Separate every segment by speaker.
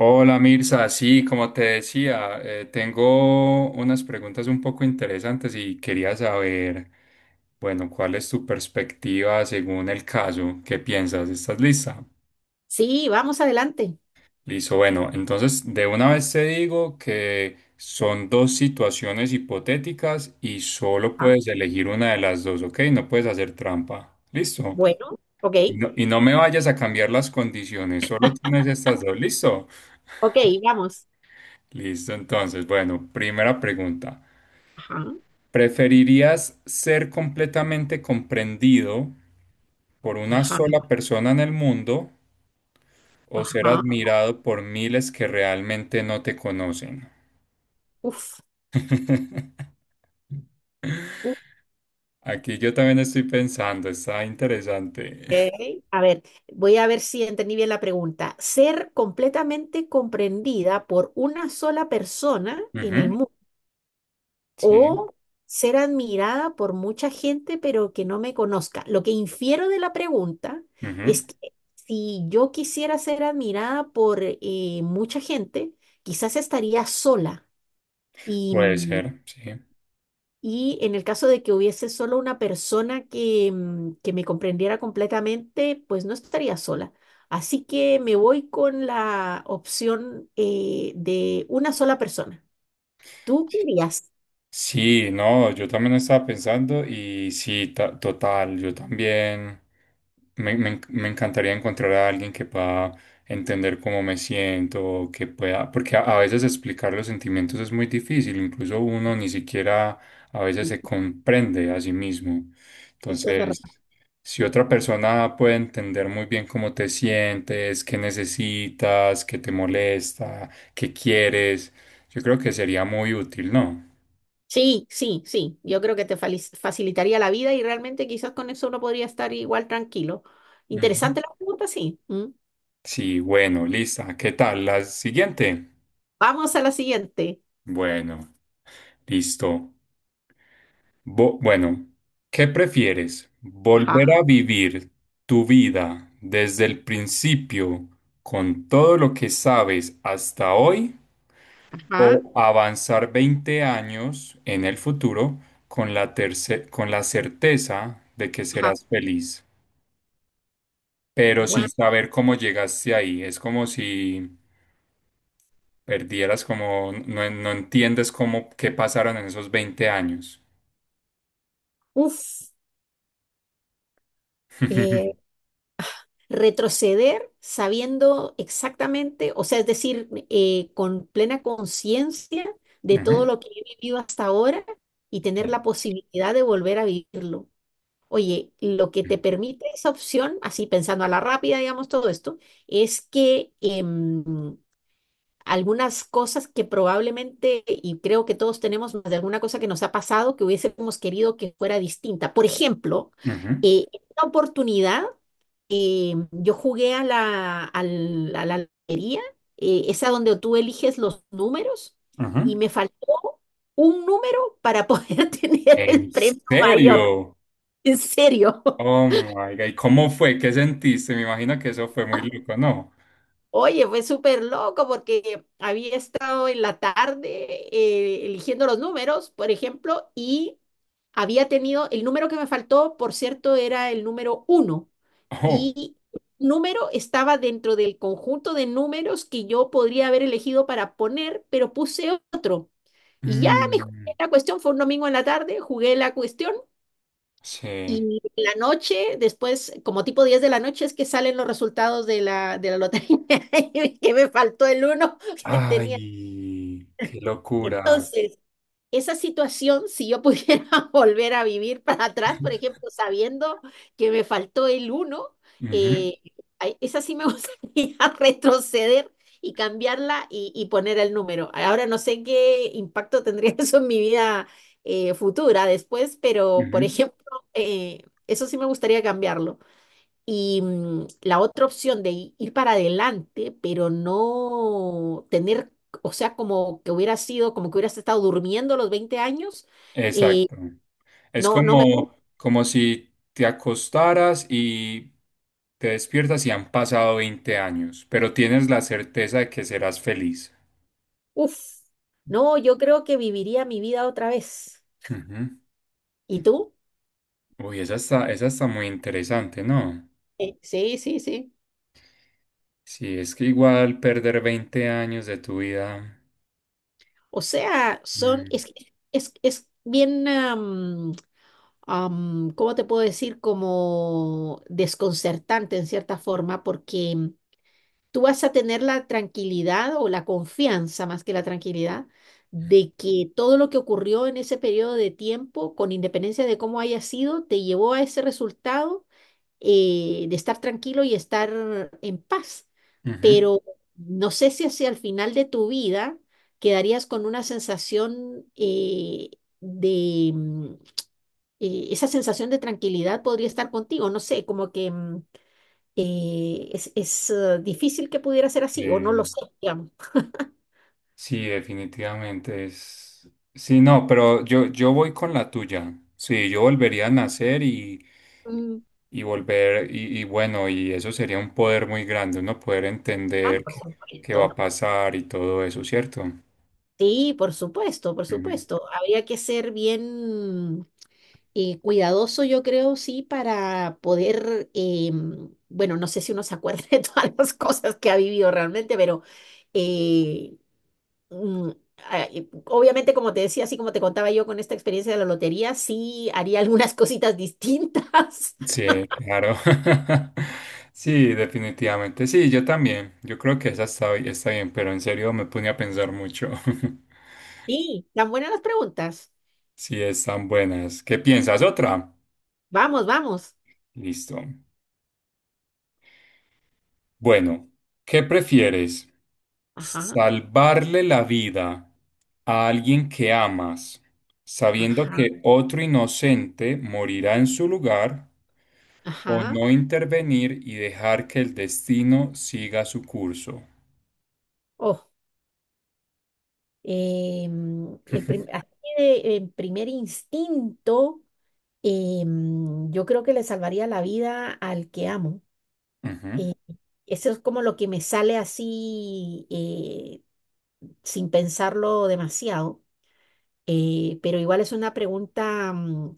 Speaker 1: Hola Mirza, sí, como te decía, tengo unas preguntas un poco interesantes y quería saber, bueno, cuál es tu perspectiva según el caso, qué piensas, ¿estás lista?
Speaker 2: Sí, vamos adelante.
Speaker 1: Listo, bueno, entonces de una vez te digo que son dos situaciones hipotéticas y solo
Speaker 2: Ajá.
Speaker 1: puedes elegir una de las dos, ¿ok? No puedes hacer trampa, listo.
Speaker 2: Bueno, ok,
Speaker 1: Y no me vayas a cambiar las condiciones, solo tienes estas dos, ¿listo?
Speaker 2: ok, vamos.
Speaker 1: Listo, entonces, bueno, primera pregunta.
Speaker 2: Ajá,
Speaker 1: ¿Preferirías ser completamente comprendido por una
Speaker 2: ajá,
Speaker 1: sola persona en el mundo o ser
Speaker 2: ajá.
Speaker 1: admirado por miles que realmente no te conocen?
Speaker 2: Uf, uf,
Speaker 1: Aquí yo también estoy pensando, está interesante.
Speaker 2: ok. A ver, voy a ver si entendí bien la pregunta. Ser completamente comprendida por una sola persona en el
Speaker 1: Ujú,
Speaker 2: mundo
Speaker 1: sí,
Speaker 2: o ser admirada por mucha gente pero que no me conozca. Lo que infiero de la pregunta
Speaker 1: ujú.
Speaker 2: es que si yo quisiera ser admirada por mucha gente, quizás estaría sola. Y,
Speaker 1: Puede ser, sí.
Speaker 2: y en el caso de que hubiese solo una persona que, que me comprendiera completamente, pues no estaría sola. Así que me voy con la opción de una sola persona. ¿Tú qué harías?
Speaker 1: Sí, no, yo también estaba pensando y sí, total, yo también me encantaría encontrar a alguien que pueda entender cómo me siento, que pueda, porque a veces explicar los sentimientos es muy difícil, incluso uno ni siquiera a veces
Speaker 2: Sí.
Speaker 1: se comprende a sí mismo.
Speaker 2: Eso es verdad.
Speaker 1: Entonces, si otra persona puede entender muy bien cómo te sientes, qué necesitas, qué te molesta, qué quieres, yo creo que sería muy útil, ¿no?
Speaker 2: Sí, sí, sí. Yo creo que te facilitaría la vida y realmente quizás con eso uno podría estar igual tranquilo.
Speaker 1: Ujú.
Speaker 2: Interesante la pregunta, sí. ¿Mm?
Speaker 1: Sí, bueno, lista. ¿Qué tal? La siguiente.
Speaker 2: Vamos a la siguiente.
Speaker 1: Bueno, listo. Bueno, ¿qué prefieres? ¿Volver
Speaker 2: Ajá,
Speaker 1: a vivir tu vida desde el principio con todo lo que sabes hasta hoy
Speaker 2: ajá,
Speaker 1: o avanzar 20 años en el futuro con la certeza de que
Speaker 2: ajá.
Speaker 1: serás feliz, pero sin
Speaker 2: Guau.
Speaker 1: saber cómo llegaste ahí? Es como si perdieras como, no, no entiendes cómo, qué pasaron en esos 20 años.
Speaker 2: Uf. eh, Retroceder sabiendo exactamente, o sea, es decir, con plena conciencia de todo
Speaker 1: Ujú,
Speaker 2: lo que he vivido hasta ahora y tener
Speaker 1: sí.
Speaker 2: la posibilidad de volver a vivirlo. Oye, lo que te permite esa opción, así pensando a la rápida, digamos, todo esto, es que algunas cosas que probablemente, y creo que todos tenemos más de alguna cosa que nos ha pasado que hubiésemos querido que fuera distinta. Por ejemplo,
Speaker 1: Ujú,
Speaker 2: esta oportunidad yo jugué a a la lotería, esa donde tú eliges los números,
Speaker 1: ujú.
Speaker 2: y me faltó un número para poder tener el
Speaker 1: ¿En
Speaker 2: premio mayor.
Speaker 1: serio?
Speaker 2: En serio.
Speaker 1: Oh my God. ¿Y cómo fue? ¿Qué sentiste? Me imagino que eso fue muy loco, ¿no?
Speaker 2: Oye, fue súper loco porque había estado en la tarde eligiendo los números, por ejemplo, y había tenido, el número que me faltó, por cierto, era el número uno.
Speaker 1: Oh.
Speaker 2: Y número estaba dentro del conjunto de números que yo podría haber elegido para poner, pero puse otro. Y ya me jugué
Speaker 1: Mm,
Speaker 2: la cuestión, fue un domingo en la tarde, jugué la cuestión
Speaker 1: sí.
Speaker 2: y en la noche, después, como tipo 10 de la noche, es que salen los resultados de la lotería. Y que me faltó el uno que tenía.
Speaker 1: Ay, qué locura.
Speaker 2: Entonces, esa situación, si yo pudiera volver a vivir para atrás, por ejemplo, sabiendo que me faltó el uno,
Speaker 1: Ujú,
Speaker 2: eh, ay, esa sí me gustaría retroceder y cambiarla y poner el número. Ahora no sé qué impacto tendría eso en mi vida futura después, pero por
Speaker 1: ujú.
Speaker 2: ejemplo, eso sí me gustaría cambiarlo. Y la otra opción de ir para adelante, pero no tener, o sea, como que hubiera sido, como que hubieras estado durmiendo los 20 años, eh,
Speaker 1: Exacto. Es
Speaker 2: no, no me...
Speaker 1: como, como si te acostaras y te despiertas y han pasado 20 años, pero tienes la certeza de que serás feliz.
Speaker 2: Uf, no, yo creo que viviría mi vida otra vez.
Speaker 1: Ujú.
Speaker 2: ¿Y tú?
Speaker 1: Uy, esa está muy interesante, ¿no?
Speaker 2: Sí, sí, sí.
Speaker 1: Sí, es que igual perder 20 años de tu vida.
Speaker 2: O sea, son,
Speaker 1: Mm,
Speaker 2: es bien, ¿cómo te puedo decir? Como desconcertante en cierta forma, porque tú vas a tener la tranquilidad o la confianza más que la tranquilidad de que todo lo que ocurrió en ese periodo de tiempo, con independencia de cómo haya sido, te llevó a ese resultado de estar tranquilo y estar en paz.
Speaker 1: ujú.
Speaker 2: Pero no sé si hacia el final de tu vida quedarías con una sensación de... esa sensación de tranquilidad podría estar contigo, no sé, como que... es, difícil que pudiera ser
Speaker 1: Sí,
Speaker 2: así, o no lo sé, digamos.
Speaker 1: sí, definitivamente es. Sí, no, pero yo voy con la tuya. Sí, yo volvería a nacer y
Speaker 2: Mm.
Speaker 1: volver, y bueno, y eso sería un poder muy grande, uno poder
Speaker 2: Ah,
Speaker 1: entender
Speaker 2: por
Speaker 1: qué, va a
Speaker 2: supuesto.
Speaker 1: pasar y todo eso, ¿cierto?
Speaker 2: Sí, por supuesto, por
Speaker 1: Ujú.
Speaker 2: supuesto. Habría que ser bien cuidadoso, yo creo, sí, para poder, bueno, no sé si uno se acuerda de todas las cosas que ha vivido realmente, pero eh, mm, obviamente, como te decía, así como te contaba yo con esta experiencia de la lotería, sí haría algunas cositas distintas.
Speaker 1: Sí, claro. Sí, definitivamente. Sí, yo también. Yo creo que esa está bien, pero en serio me pone a pensar mucho.
Speaker 2: Sí, tan buenas las preguntas.
Speaker 1: Si están buenas. ¿Qué piensas? ¿Otra?
Speaker 2: Vamos, vamos.
Speaker 1: Listo. Bueno, ¿qué prefieres?
Speaker 2: Ajá,
Speaker 1: ¿Salvarle la vida a alguien que amas, sabiendo
Speaker 2: ajá,
Speaker 1: que otro inocente morirá en su lugar, o
Speaker 2: ajá.
Speaker 1: no intervenir y dejar que el destino siga su curso?
Speaker 2: Oh, el así de, en primer instinto, yo creo que le salvaría la vida al que amo.
Speaker 1: Ujú,
Speaker 2: Eh, eso es como lo que me sale así sin pensarlo demasiado. Pero igual es una pregunta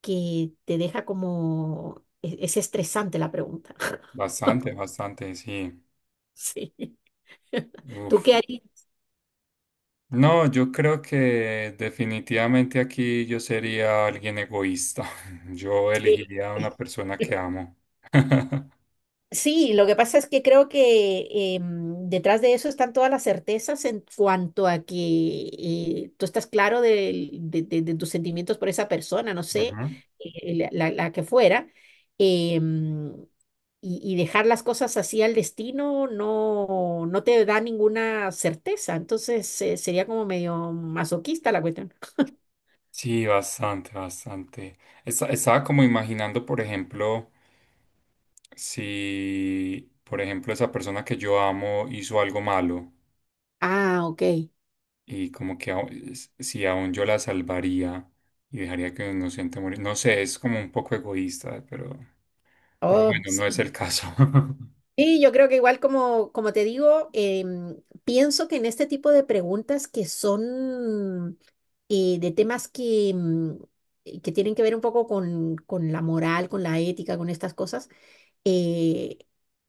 Speaker 2: que te deja como... es estresante la pregunta.
Speaker 1: bastante, bastante, sí.
Speaker 2: Sí. ¿Tú
Speaker 1: Uf.
Speaker 2: qué harías?
Speaker 1: No, yo creo que definitivamente aquí yo sería alguien egoísta. Yo
Speaker 2: Sí.
Speaker 1: elegiría a una persona que amo.
Speaker 2: Sí, lo que pasa es que creo que detrás de eso están todas las certezas en cuanto a que tú estás claro de tus sentimientos por esa persona, no sé,
Speaker 1: Ujú.
Speaker 2: la que fuera, em, y dejar las cosas así al destino no, no te da ninguna certeza, entonces sería como medio masoquista la cuestión.
Speaker 1: Sí, bastante, bastante. Estaba como imaginando, por ejemplo, si, por ejemplo, esa persona que yo amo hizo algo malo
Speaker 2: Ah, ok.
Speaker 1: y como que si aún yo la salvaría y dejaría que un inocente morir. No sé, es como un poco egoísta, pero
Speaker 2: Oh,
Speaker 1: bueno, no es
Speaker 2: sí.
Speaker 1: el caso.
Speaker 2: Sí, yo creo que igual como, como te digo, pienso que en este tipo de preguntas que son de temas que, que tienen que ver un poco con la moral, con la ética, con estas cosas, eh,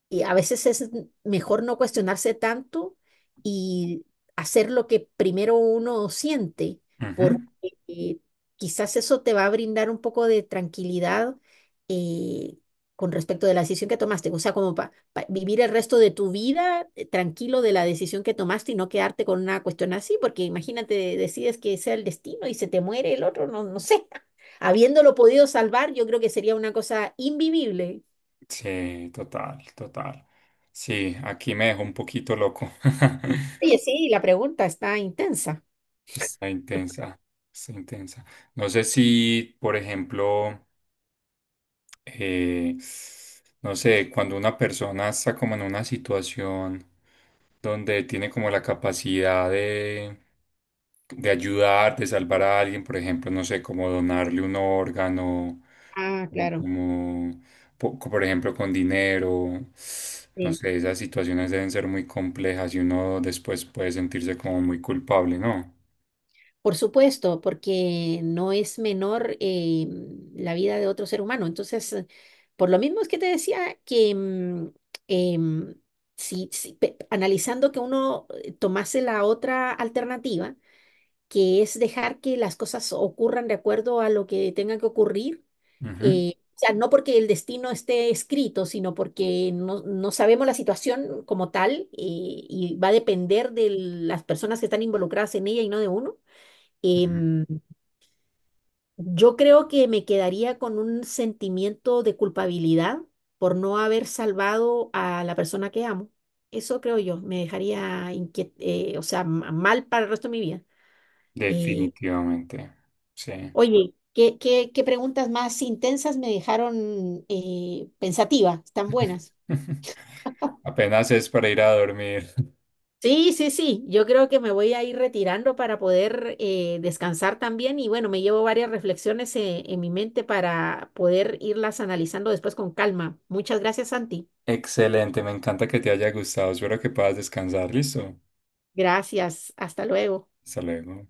Speaker 2: y a veces es mejor no cuestionarse tanto y hacer lo que primero uno siente, porque
Speaker 1: Ujú.
Speaker 2: eh, quizás eso te va a brindar un poco de tranquilidad eh, con respecto de la decisión que tomaste. O sea, como para vivir el resto de tu vida tranquilo de la decisión que tomaste y no quedarte con una cuestión así, porque imagínate, decides que sea el destino y se te muere el otro, no, no sé. Habiéndolo podido salvar, yo creo que sería una cosa invivible.
Speaker 1: Sí, total, total. Sí, aquí me dejó un poquito loco.
Speaker 2: Oye, sí, la pregunta está intensa.
Speaker 1: Está intensa, está intensa. No sé si, por ejemplo... eh, no sé, cuando una persona está como en una situación donde tiene como la capacidad de, ayudar, de salvar a alguien, por ejemplo, no sé, como donarle un órgano
Speaker 2: Ah,
Speaker 1: o
Speaker 2: claro.
Speaker 1: como, por ejemplo, con dinero. No
Speaker 2: Sí.
Speaker 1: sé, esas situaciones deben ser muy complejas y uno después puede sentirse como muy culpable, ¿no?
Speaker 2: Por supuesto, porque no es menor la vida de otro ser humano. Entonces, por lo mismo es que te decía que em, si, analizando que uno tomase la otra alternativa, que es dejar que las cosas ocurran de acuerdo a lo que tengan que ocurrir.
Speaker 1: Ujú,
Speaker 2: O sea, no porque el destino esté escrito, sino porque no, no sabemos la situación como tal, y va a depender de las personas que están involucradas en ella y no de uno.
Speaker 1: ujú.
Speaker 2: Em, yo creo que me quedaría con un sentimiento de culpabilidad por no haber salvado a la persona que amo. Eso creo yo, me dejaría o sea, mal para el resto de mi vida. Eh,
Speaker 1: Definitivamente, sí.
Speaker 2: Oye, ¿ qué preguntas más intensas me dejaron pensativa? Están buenas.
Speaker 1: Apenas es para ir a dormir.
Speaker 2: Sí, sí, sí. Yo creo que me voy a ir retirando para poder descansar también. Y bueno, me llevo varias reflexiones en mi mente para poder irlas analizando después con calma. Muchas gracias, Santi.
Speaker 1: Excelente, me encanta que te haya gustado. Espero que puedas descansar. Listo.
Speaker 2: Gracias. Hasta luego.
Speaker 1: Hasta luego.